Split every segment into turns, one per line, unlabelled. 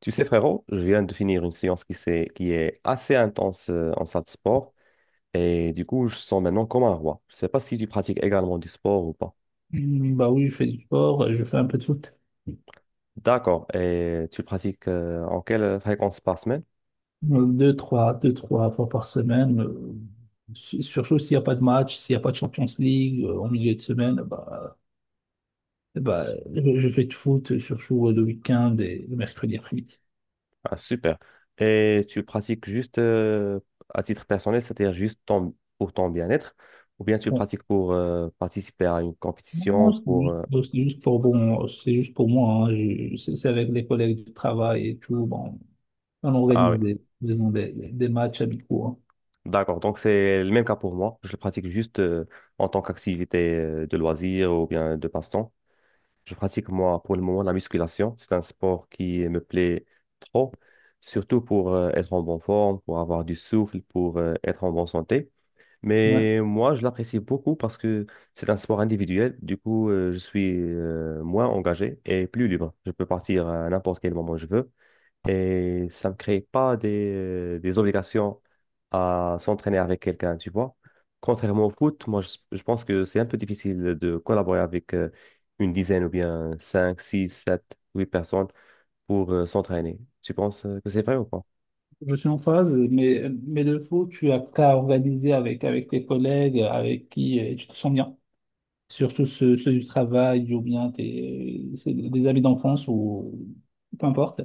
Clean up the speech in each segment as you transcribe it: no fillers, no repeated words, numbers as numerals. Tu sais, frérot, je viens de finir une séance qui est assez intense en salle de sport et du coup, je sens maintenant comme un roi. Je ne sais pas si tu pratiques également du sport ou pas.
Hmm. Bah oui, je fais du sport, je fais un peu de foot.
D'accord. Et tu pratiques en quelle fréquence par semaine?
Deux, trois, deux, trois fois par semaine. Surtout s'il n'y a pas de match, s'il n'y a pas de Champions League en milieu de semaine, eh bah,
Su-
je fais du foot, surtout le week-end et le mercredi après-midi.
Ah, super. Et tu pratiques juste à titre personnel, pour ton bien-être ou bien tu
Bon,
pratiques pour participer à une
non,
compétition
c'est juste pour moi, hein. C'est avec les collègues du travail et tout. Bon, on
ah oui.
organise des, disons, des matchs amicaux, hein.
D'accord, donc c'est le même cas pour moi. Je le pratique juste en tant qu'activité de loisir ou bien de passe-temps. Je pratique moi pour le moment la musculation. C'est un sport qui me plaît trop, surtout pour être en bonne forme, pour avoir du souffle, pour être en bonne santé.
Ouais,
Mais moi, je l'apprécie beaucoup parce que c'est un sport individuel. Du coup, je suis moins engagé et plus libre. Je peux partir à n'importe quel moment je veux et ça me crée pas des obligations à s'entraîner avec quelqu'un, tu vois. Contrairement au foot, moi, je pense que c'est un peu difficile de collaborer avec une dizaine ou bien 5 6 7 8 personnes pour s'entraîner. Tu penses que c'est vrai ou pas?
je suis en phase, mais le foot, tu as qu'à organiser avec tes collègues avec qui tu te sens bien. Surtout ceux du travail ou bien tes, c'est des amis d'enfance ou peu importe.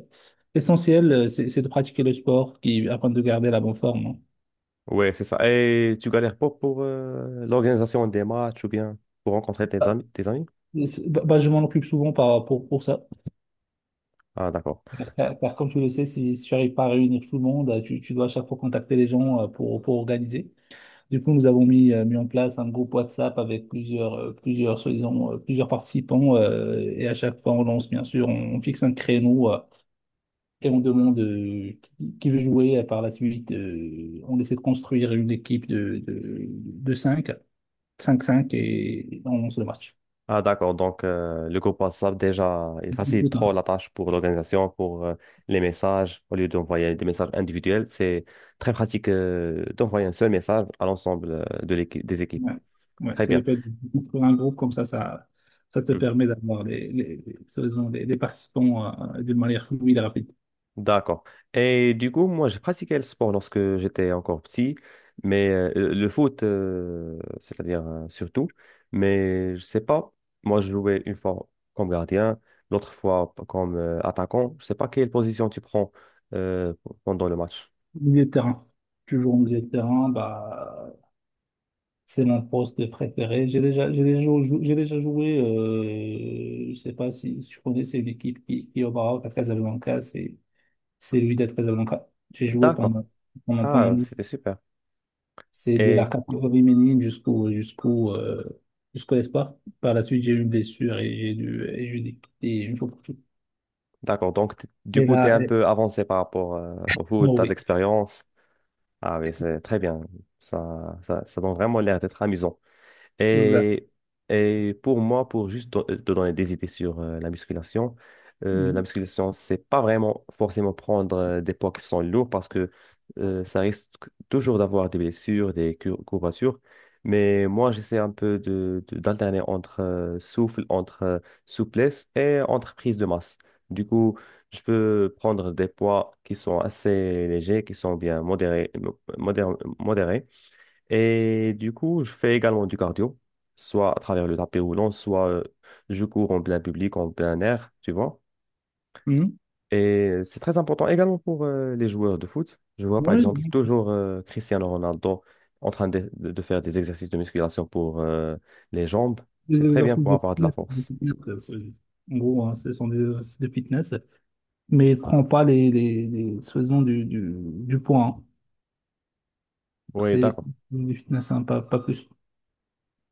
L'essentiel, c'est de pratiquer le sport qui, afin de garder la bonne forme, hein.
Ouais, c'est ça. Et tu galères pas pour l'organisation des matchs ou bien pour rencontrer tes
Bah,
amis, tes amis?
je m'en occupe souvent pour ça.
Ah, d'accord.
Car comme tu le sais, si tu n'arrives pas à réunir tout le monde, tu dois à chaque fois contacter les gens pour organiser. Du coup, nous avons mis en place un groupe WhatsApp avec plusieurs participants. Et à chaque fois, on lance, bien sûr, on fixe un créneau et on demande qui veut jouer. Et par la suite, on essaie de construire une équipe de cinq cinq et on lance le match.
Ah, d'accord. Donc, le groupe WhatsApp, déjà, il facilite trop la tâche pour l'organisation, pour les messages. Au lieu d'envoyer des messages individuels, c'est très pratique d'envoyer un seul message à l'ensemble de l'équipe, des équipes.
Ouais, ouais,
Très
c'est le
bien.
fait de construire un groupe comme ça, ça te permet d'avoir les participants d'une manière fluide et rapide.
D'accord. Et du coup, moi, j'ai pratiqué le sport lorsque j'étais encore petit, mais le foot, c'est-à-dire surtout, mais je sais pas, moi, je jouais une fois comme gardien, l'autre fois comme attaquant. Je sais pas quelle position tu prends pendant le match.
Milieu de terrain. Toujours au milieu de terrain, bah, c'est mon poste préféré. J'ai déjà joué, je sais pas si, si tu connais, c'est une équipe qui est au Maroc, à Casablanca, c'est l'UID de Casablanca. J'ai joué
D'accord.
pendant
Ah, c'était super.
c'est de la
Et
catégorie féminine jusqu'au espoir. Par la suite, j'ai eu une blessure et j'ai dû quitter une fois pour toutes.
d'accord, du
Mais
coup, tu es
là,
un peu avancé par rapport au foot,
bon,
tu as de
oui,
l'expérience. Ah oui, c'est très bien. Ça donne vraiment l'air d'être amusant.
exact.
Et, et pour moi, pour juste te donner des idées sur la musculation, euh, la
Mhm.
musculation, c'est pas vraiment forcément prendre des poids qui sont lourds parce que ça risque toujours d'avoir des blessures, courbatures. Mais moi, j'essaie un peu d'alterner entre souffle, entre souplesse et entre prise de masse. Du coup, je peux prendre des poids qui sont assez légers, qui sont bien modérés, modérés et du coup, je fais également du cardio, soit à travers le tapis roulant, soit je cours en plein public, en plein air, tu vois.
Mhm.
Et c'est très important également pour les joueurs de foot. Je vois par
Oui,
exemple toujours Cristiano Ronaldo en train de faire des exercices de musculation pour les jambes.
des
C'est très bien
exercices
pour
de
avoir de la
fitness.
force.
En gros, hein, ce sont des exercices de fitness, mais ne prends pas faisons du poids, hein.
Oui,
C'est
d'accord,
du fitness, hein, pas, pas plus,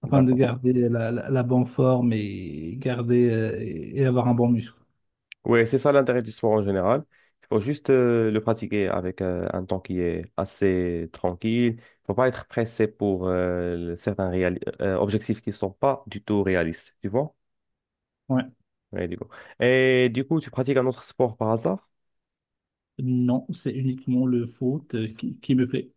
afin de
d'accord.
garder la bonne forme et garder et avoir un bon muscle.
Oui, c'est ça l'intérêt du sport en général. Il faut juste le pratiquer avec un temps qui est assez tranquille. Il ne faut pas être pressé pour certains objectifs qui ne sont pas du tout réalistes, tu vois?
Ouais.
Ouais, du coup. Et du coup, tu pratiques un autre sport par hasard?
Non, c'est uniquement le foot qui me plaît.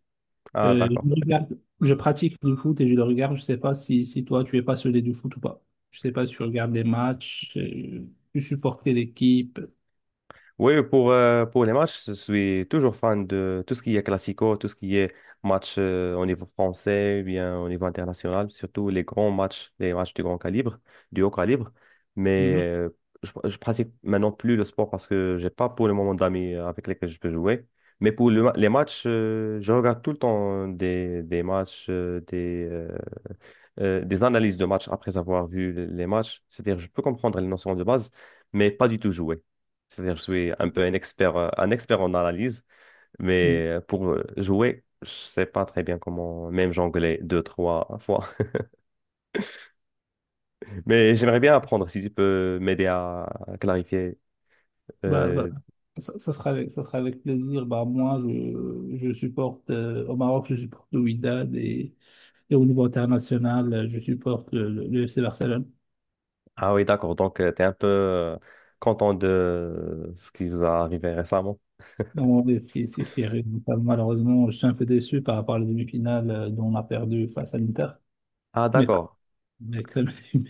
Ah, d'accord.
Je pratique le foot et je le regarde. Je sais pas si, si toi, tu es passionné du foot ou pas. Je sais pas si tu regardes les matchs, tu supportes quelle équipe.
Oui, pour les matchs, je suis toujours fan de tout ce qui est classico, tout ce qui est match au niveau français, ou bien au niveau international, surtout les grands matchs, les matchs de grand calibre, du haut calibre. Mais je pratique maintenant plus le sport parce que j'ai pas pour le moment d'amis avec lesquels je peux jouer. Mais pour les matchs, je regarde tout le temps des matchs, des analyses de matchs après avoir vu les matchs. C'est-à-dire, je peux comprendre les notions de base, mais pas du tout jouer. C'est-à-dire, je suis un peu un expert en analyse,
Mhm.
mais pour jouer, je sais pas très bien comment même jongler 2, 3 fois. Mais j'aimerais bien apprendre si tu peux m'aider à clarifier.
Bah, bah,
Euh,
Ça sera ça sera avec plaisir. Bah, je supporte au Maroc, je supporte le Wydad, et au niveau international, je supporte le FC Barcelone.
ah oui, d'accord. Donc, tu es un peu content de ce qui vous est arrivé récemment.
Non, mais c'est serré. Donc, malheureusement, je suis un peu déçu par rapport à la demi-finale dont on a perdu face à l'Inter.
Ah,
Mais,
d'accord.
quand même,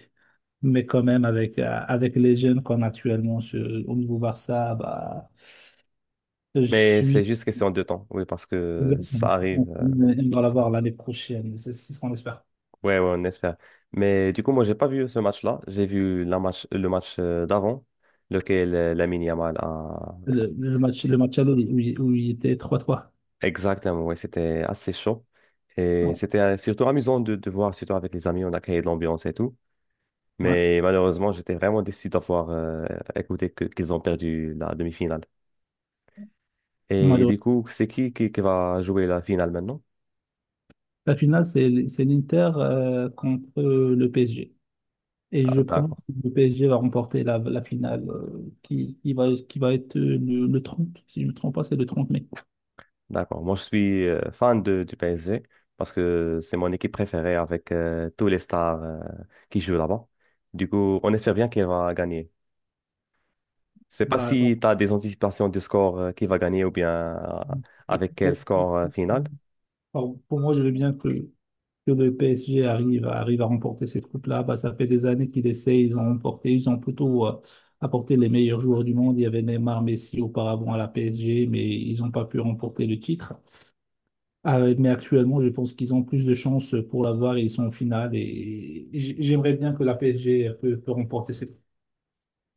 mais quand même, avec les jeunes qu'on a actuellement au niveau Barça, bah, je
Mais c'est
suis.
juste question de temps, oui, parce que ça
On
arrive.
va l'avoir l'année prochaine. C'est ce qu'on espère.
Ouais, ouais, on espère. Mais du coup, moi, j'ai pas vu ce match-là. J'ai vu la match, le match d'avant, lequel Lamine Yamal a...
Le
c'est-
match aller où il était 3-3.
Exactement, ouais, c'était assez chaud. Et
Ouais.
c'était surtout amusant de voir, surtout avec les amis, on a créé de l'ambiance et tout.
Ouais.
Mais malheureusement, j'étais vraiment déçu d'avoir écouté qu'ils ont perdu la demi-finale. Et
Malheureux.
du coup, c'est qui va jouer la finale maintenant?
La finale, c'est l'Inter contre le PSG. Et
Ah,
je pense
d'accord.
que le PSG va remporter la finale, qui va être le 30. Si je ne me trompe pas, c'est le 30 mai.
D'accord. Moi, je suis fan de, du PSG parce que c'est mon équipe préférée avec tous les stars qui jouent là-bas. Du coup, on espère bien qu'elle va gagner. Je sais pas
Bah, bah,
si tu as des anticipations du score qui va gagner ou bien euh, avec quel
pour,
score final.
pour moi, je veux bien que le PSG arrive à remporter cette coupe-là. Bah, ça fait des années qu'ils essaient, ils ont remporté, ils ont plutôt apporté les meilleurs joueurs du monde. Il y avait Neymar, Messi auparavant à la PSG, mais ils n'ont pas pu remporter le titre. Mais actuellement, je pense qu'ils ont plus de chances pour l'avoir et ils sont en finale. Et j'aimerais bien que la PSG peut remporter cette coupe.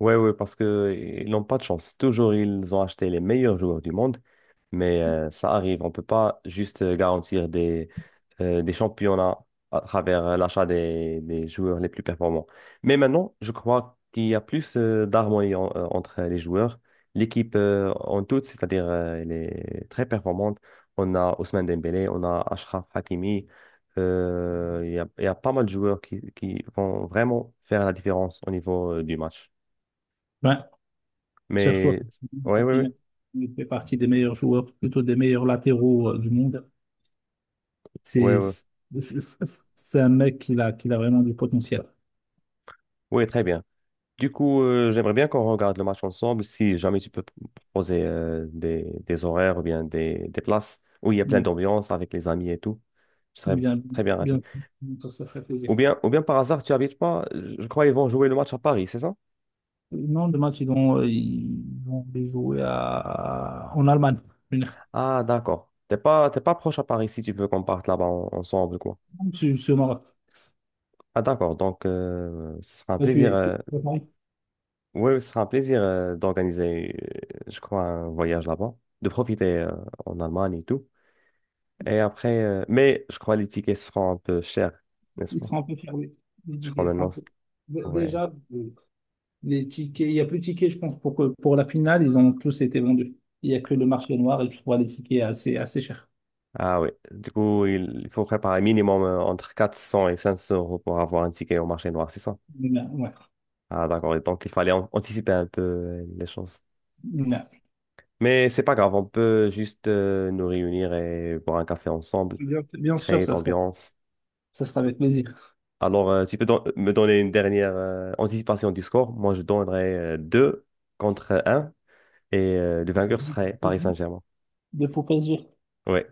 Ouais, ouais, parce que ils n'ont pas de chance. Toujours, ils ont acheté les meilleurs joueurs du monde, mais ça arrive. On ne peut pas juste garantir des championnats à travers l'achat des joueurs les plus performants. Mais maintenant, je crois qu'il y a plus d'harmonie entre les joueurs. L'équipe en toute, c'est-à-dire, elle est très performante. On a Ousmane Dembélé, on a Achraf Hakimi. Il y a pas mal de joueurs qui vont vraiment faire la différence au niveau du match.
Ouais, surtout
Mais ouais, ouais,
Hakimi,
ouais,
il fait partie des meilleurs joueurs, plutôt des meilleurs latéraux du monde.
ouais,
C'est
ouais,
c'est- c'est un mec qui a vraiment du potentiel.
Ouais, très bien. Du coup, j'aimerais bien qu'on regarde le match ensemble. Si jamais tu peux proposer des horaires ou bien des places où il y a plein
Mm.
d'ambiance avec les amis et tout, je serais
Bien,
très bien ravi.
Bien, ça fait plaisir.
Ou bien par hasard, tu habites pas? Je crois qu'ils vont jouer le match à Paris, c'est ça?
Non, le match, ils vont les jouer à, en Allemagne. En Allemagne.
Ah, d'accord. T'es pas proche à Paris si tu veux qu'on parte là-bas ensemble, quoi.
C'est au Maroc.
Ah, d'accord. Donc, ce sera un
Là, tu
plaisir.
es, tu-
Oui, ce sera un plaisir d'organiser, je crois, un voyage là-bas, de profiter en Allemagne et tout. Et après, mais je crois les tickets seront un peu chers, n'est-ce
Ils
pas?
seront un peu fermés, les
Je crois
tickets, seront un
maintenant,
peu
ouais.
déjà, les tickets, il n'y a plus de tickets, je pense, pour la finale, ils ont tous été vendus. Il n'y a que le marché noir et tu vois les tickets assez chers.
Ah oui, du coup, il faut préparer minimum entre 400 et 500 euros pour avoir un ticket au marché noir, c'est ça?
Bien, ouais.
Ah d'accord, et donc il fallait anticiper un peu les choses.
Bien,
Mais c'est pas grave, on peut juste nous réunir et boire un café ensemble,
Bien sûr,
créer de l'ambiance.
ça sera avec plaisir.
Alors, si tu peux me donner une dernière anticipation du score. Moi, je donnerais 2 contre un et le vainqueur serait Paris
Mhm.
Saint-Germain.
De pour PSG,
Oui,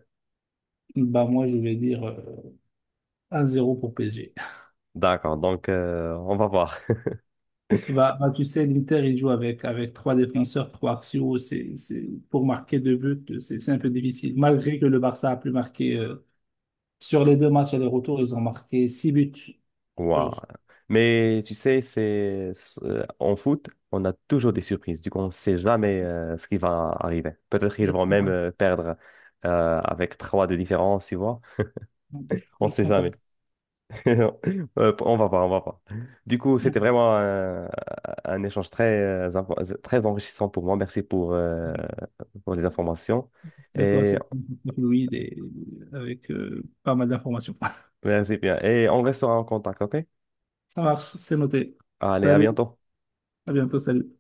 bah moi, je vais dire 1-0 pour PSG.
d'accord. Donc, on va voir.
Tu sais, l'Inter, il joue avec trois défenseurs, trois axiaux. Pour marquer 2 buts, c'est un peu difficile. Malgré que le Barça a plus marqué sur les deux matchs aller-retour, ils ont marqué 6 buts. Je
Waouh. Mais tu sais, en foot, on a toujours des surprises. Du coup, on ne sait jamais ce qui va arriver. Peut-être qu'ils
je
vont même
comprends pas.
perdre avec 3 de différence, tu vois. On
Je
ne sait
comprends pas.
jamais. Non. On va pas. Du coup, c'était vraiment un échange très, très enrichissant pour moi. Merci pour les informations.
D'accord,
Et
c'est avec Louis et avec pas mal d'informations.
merci bien. Et on restera en contact, OK?
Ça marche, c'est noté.
Allez, à
Salut,
bientôt.
à bientôt, salut.